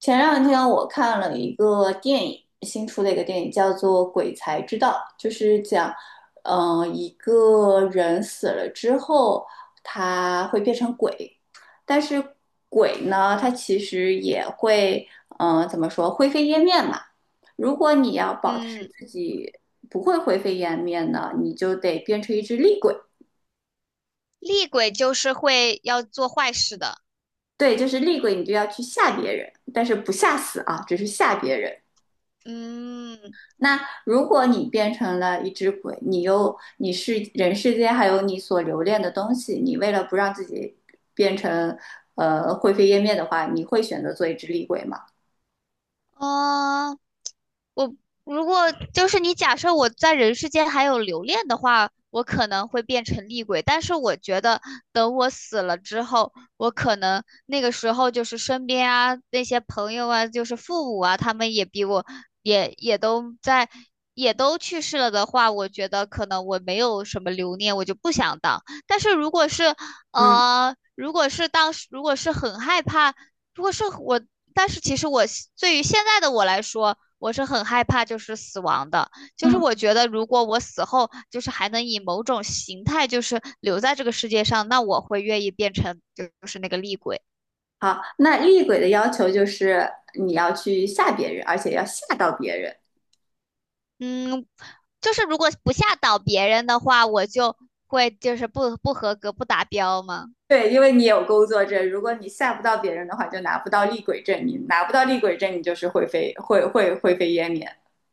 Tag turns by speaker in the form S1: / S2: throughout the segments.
S1: 前两天我看了一个电影，新出的一个电影叫做《鬼才之道》，就是讲，一个人死了之后，他会变成鬼，但是鬼呢，它其实也会，怎么说，灰飞烟灭嘛。如果你要保持
S2: 嗯，
S1: 自己不会灰飞烟灭呢，你就得变成一只厉鬼。
S2: 厉鬼就是会要做坏事的。
S1: 对，就是厉鬼，你就要去吓别人，但是不吓死啊，只是吓别人。
S2: 嗯，
S1: 那如果你变成了一只鬼，你是人世间还有你所留恋的东西，你为了不让自己变成灰飞烟灭的话，你会选择做一只厉鬼吗？
S2: 嗯、我如果就是你假设我在人世间还有留恋的话，我可能会变成厉鬼。但是我觉得等我死了之后，我可能那个时候就是身边啊那些朋友啊，就是父母啊，他们也比我也都在也都去世了的话，我觉得可能我没有什么留念，我就不想当。但是如果是
S1: 嗯
S2: 如果是当时如果是很害怕。如果是我，但是其实我对于现在的我来说，我是很害怕就是死亡的，就是
S1: 嗯，
S2: 我觉得如果我死后就是还能以某种形态就是留在这个世界上，那我会愿意变成就是那个厉鬼。
S1: 好，那厉鬼的要求就是你要去吓别人，而且要吓到别人。
S2: 嗯，就是如果不吓倒别人的话，我就会就是不合格不达标吗？
S1: 对，因为你有工作证，如果你吓不到别人的话，就拿不到厉鬼证，你拿不到厉鬼证，你就是会灰飞烟灭。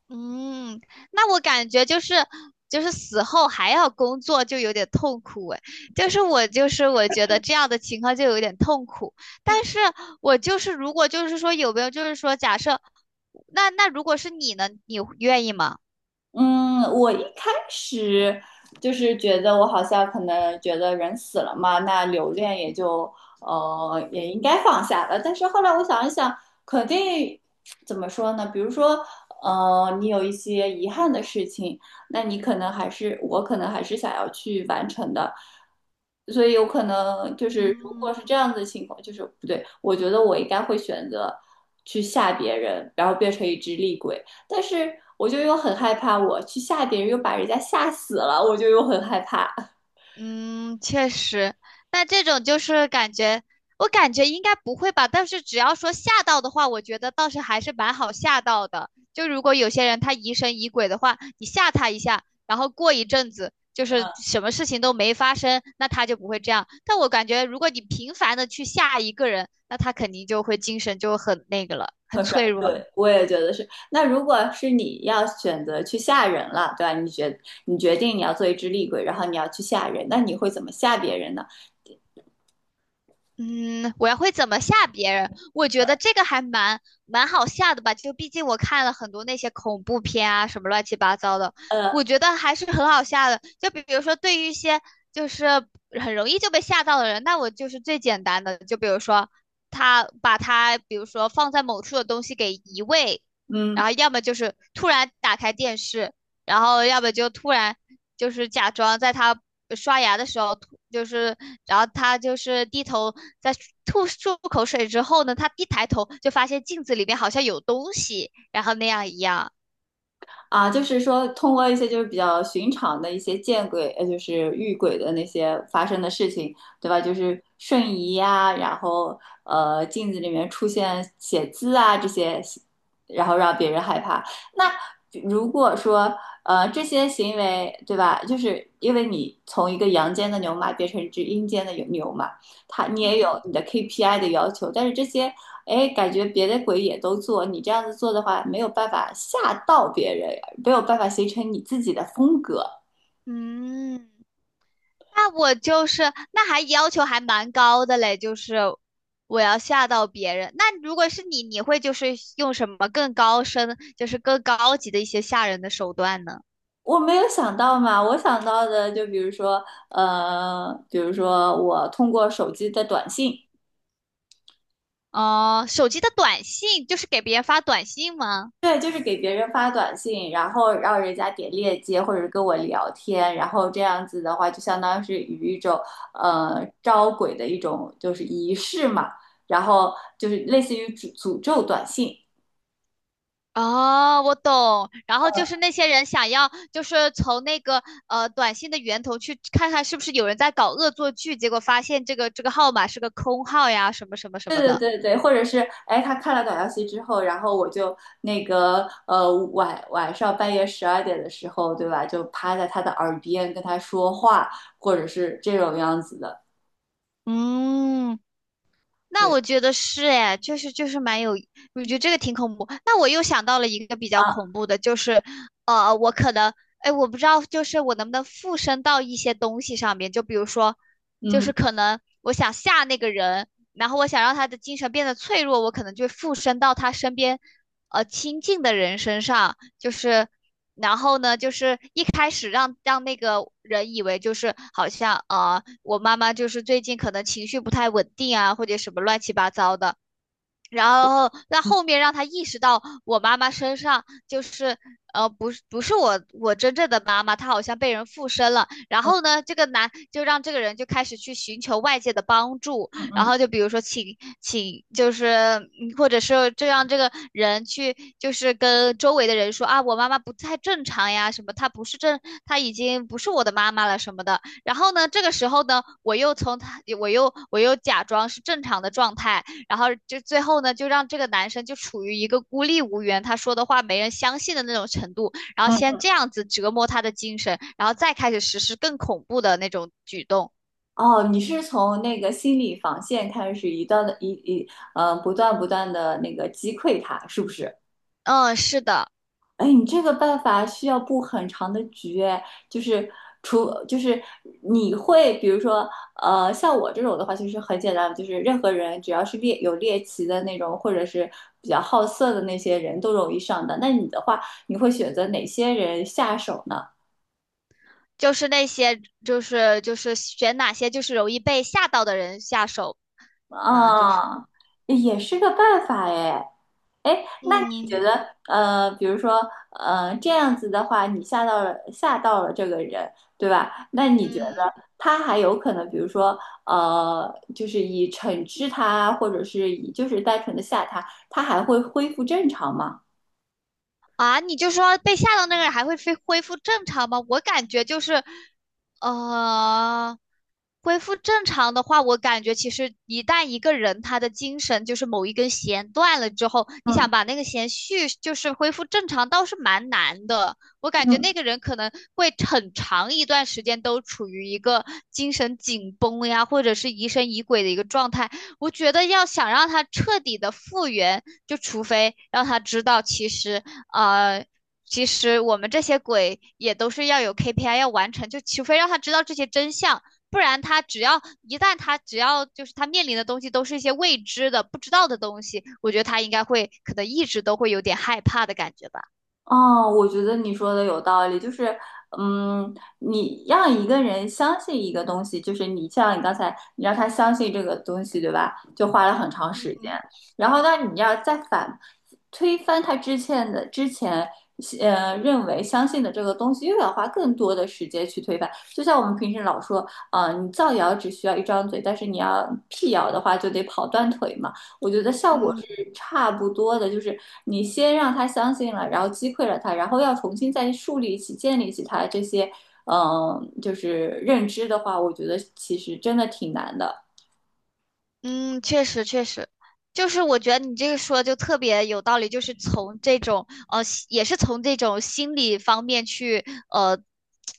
S2: 嗯，那我感觉就是就是死后还要工作，就有点痛苦哎。就是我就是我觉得这样的情况就有点痛苦。但是我就是如果就是说有没有就是说假设，那如果是你呢，你愿意吗？
S1: 嗯，我一开始就是觉得我好像可能觉得人死了嘛，那留恋也就也应该放下了。但是后来我想一想，肯定怎么说呢？比如说你有一些遗憾的事情，那你可能还是我可能还是想要去完成的，所以有可能就是如果
S2: 嗯
S1: 是这样子的情况，就是不对，我觉得我应该会选择去吓别人，然后变成一只厉鬼。但是我就又很害怕，我去吓别人又把人家吓死了，我就又很害怕，
S2: 嗯，确实，那这种就是感觉，我感觉应该不会吧。但是只要说吓到的话，我觉得倒是还是蛮好吓到的。就如果有些人他疑神疑鬼的话，你吓他一下，然后过一阵子就是什么事情都没发生，那他就不会这样。但我感觉如果你频繁的去吓一个人，那他肯定就会精神就很那个了，很
S1: 很帅。
S2: 脆弱
S1: 对，
S2: 了。
S1: 我也觉得是。那如果是你要选择去吓人了，对吧？你决定你要做一只厉鬼，然后你要去吓人，那你会怎么吓别人呢？
S2: 嗯，我要会怎么吓别人？我觉得这个还蛮好吓的吧，就毕竟我看了很多那些恐怖片啊，什么乱七八糟的，
S1: 呃，
S2: 我觉得还是很好吓的。就比如说，对于一些就是很容易就被吓到的人，那我就是最简单的，就比如说他把他，比如说放在某处的东西给移位，
S1: 嗯，
S2: 然后要么就是突然打开电视，然后要么就突然就是假装在他刷牙的时候吐，就是然后他就是低头在吐漱口水之后呢，他一抬头就发现镜子里面好像有东西，然后那样一样。
S1: 啊，就是说通过一些就是比较寻常的一些见鬼，就是遇鬼的那些发生的事情，对吧？就是瞬移呀、然后镜子里面出现写字啊这些，然后让别人害怕。那如果说这些行为，对吧？就是因为你从一个阳间的牛马变成一只阴间的牛马，它你也有
S2: 嗯，
S1: 你的 KPI 的要求，但是这些哎，感觉别的鬼也都做，你这样子做的话，没有办法吓到别人，没有办法形成你自己的风格。
S2: 嗯，那我就是那还要求还蛮高的嘞，就是我要吓到别人。那如果是你，你会就是用什么更高深，就是更高级的一些吓人的手段呢？
S1: 我没有想到嘛，我想到的就比如说，比如说我通过手机的短信，
S2: 哦、手机的短信就是给别人发短信吗？
S1: 对，就是给别人发短信，然后让人家点链接或者跟我聊天，然后这样子的话，就相当于是与一种招鬼的一种就是仪式嘛，然后就是类似于诅咒短信。
S2: 哦，我懂。然后就是那些人想要，就是从那个短信的源头去看看是不是有人在搞恶作剧，结果发现这个号码是个空号呀，什么什么什
S1: 对
S2: 么
S1: 对
S2: 的。
S1: 对对，或者是哎，他看了短消息之后，然后我就那个晚上半夜12点的时候，对吧？就趴在他的耳边跟他说话，或者是这种样子的。
S2: 嗯，那
S1: 对
S2: 我觉得是哎，就是就是蛮有，我觉得这个挺恐怖。那我又想到了一个比较
S1: 啊，
S2: 恐怖的，就是我可能哎，我不知道，就是我能不能附身到一些东西上面，就比如说，就
S1: 嗯
S2: 是可能我想吓那个人，然后我想让他的精神变得脆弱，我可能就附身到他身边亲近的人身上，就是。然后呢，就是一开始让那个人以为就是好像我妈妈就是最近可能情绪不太稳定啊，或者什么乱七八糟的。然后在
S1: 嗯
S2: 后面让他意识到我妈妈身上就是不是我真正的妈妈，她好像被人附身了。然
S1: 嗯
S2: 后呢，这个男就让这个人就开始去寻求外界的帮助，
S1: 嗯
S2: 然
S1: 嗯
S2: 后就比如说请就是嗯或者是就让这个人去就是跟周围的人说啊，我妈妈不太正常呀，什么她不是正，她已经不是我的妈妈了什么的。然后呢，这个时候呢，我又从她，我又假装是正常的状态。然后就最后呢，就让这个男生就处于一个孤立无援，他说的话没人相信的那种程度，然后先
S1: 嗯。
S2: 这样子折磨他的精神，然后再开始实施更恐怖的那种举动。
S1: 哦，你是从那个心理防线开始，一段的一一呃，不断不断的那个击溃他，是不是？
S2: 嗯，是的，
S1: 哎，你这个办法需要布很长的局，哎，就是除就是你会，比如说，像我这种的话，其实很简单，就是任何人只要是有猎奇的那种，或者是比较好色的那些人都容易上当。那你的话，你会选择哪些人下手呢？
S2: 就是那些，就是就是选哪些就是容易被吓到的人下手嘛，就是，
S1: 啊，也是个办法哎。哎，那你觉
S2: 嗯
S1: 得，比如说，这样子的话，你吓到了这个人，对吧？那你觉
S2: 嗯。
S1: 得他还有可能，比如说，就是以惩治他，或者是以就是单纯的吓他，他还会恢复正常吗？
S2: 啊，你就说被吓到那个人还会恢复正常吗？我感觉就是，呃，恢复正常的话，我感觉其实一旦一个人他的精神就是某一根弦断了之后，你
S1: 嗯
S2: 想把那个弦续就是恢复正常，倒是蛮难的。我感觉那
S1: 嗯。
S2: 个人可能会很长一段时间都处于一个精神紧绷呀，或者是疑神疑鬼的一个状态。我觉得要想让他彻底的复原。就除非让他知道，其实呃，其实我们这些鬼也都是要有 KPI 要完成，就除非让他知道这些真相，不然他只要一旦他只要就是他面临的东西都是一些未知的、不知道的东西，我觉得他应该会可能一直都会有点害怕的感觉吧。
S1: 哦，我觉得你说的有道理，就是，嗯，你让一个人相信一个东西，就是你像你刚才，你让他相信这个东西，对吧？就花了很长时间，然后呢，你要再推翻他之前，认为相信的这个东西，又要花更多的时间去推翻。就像我们平时老说，啊、你造谣只需要一张嘴，但是你要辟谣的话，就得跑断腿嘛。我觉得效果
S2: 嗯，
S1: 是差不多的，就是你先让他相信了，然后击溃了他，然后要重新再树立起、建立起他这些，就是认知的话，我觉得其实真的挺难的。
S2: 嗯，确实，就是我觉得你这个说就特别有道理，就是从这种呃，也是从这种心理方面去呃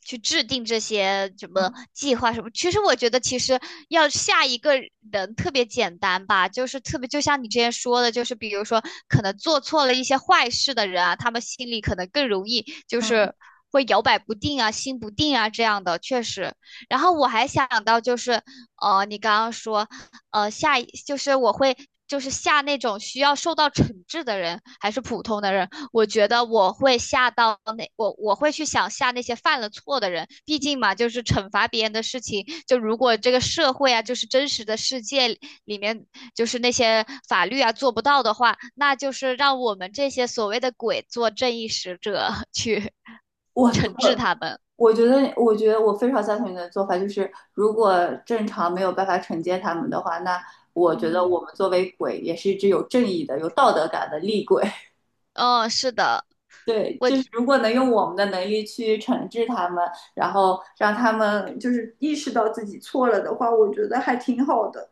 S2: 去制定这些什么
S1: 嗯
S2: 计划什么。其实我觉得，其实要下一个人特别简单吧，就是特别就像你之前说的，就是比如说可能做错了一些坏事的人啊，他们心里可能更容易就
S1: 嗯，
S2: 是会摇摆不定啊、心不定啊这样的，确实。然后我还想到就是你刚刚说。下一就是我会就是下那种需要受到惩治的人，还是普通的人，我觉得我会下到那我会去想下那些犯了错的人，毕竟嘛，就是惩罚别人的事情，就如果这个社会啊，就是真实的世界里面，就是那些法律啊做不到的话，那就是让我们这些所谓的鬼做正义使者去
S1: 我
S2: 惩治
S1: 我
S2: 他们。
S1: 我觉得我非常赞同你的做法，就是如果正常没有办法惩戒他们的话，那我觉得
S2: 嗯，
S1: 我们作为鬼也是一只有正义的、有道德感的厉鬼。
S2: 嗯，是的，
S1: 对，
S2: 我
S1: 就是如果能用我们的能力去惩治他们，然后让他们就是意识到自己错了的话，我觉得还挺好的。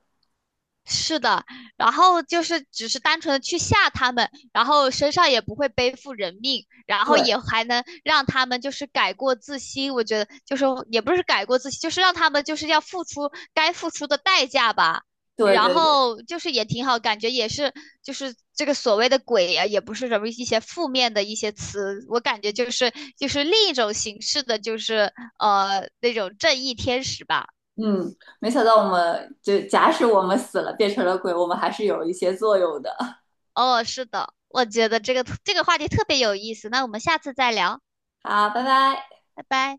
S2: 是的，然后就是只是单纯的去吓他们，然后身上也不会背负人命，然后
S1: 对，
S2: 也还能让他们就是改过自新。我觉得就是也不是改过自新，就是让他们就是要付出该付出的代价吧。
S1: 对，
S2: 然
S1: 对，对，
S2: 后就是也挺好，感觉也是就是这个所谓的鬼啊，也不是什么一些负面的一些词，我感觉就是就是另一种形式的，就是那种正义天使吧。
S1: 嗯，没想到我们就假使我们死了变成了鬼，我们还是有一些作用的。
S2: 哦，是的，我觉得这个这个话题特别有意思，那我们下次再聊，
S1: 好，拜拜。
S2: 拜拜。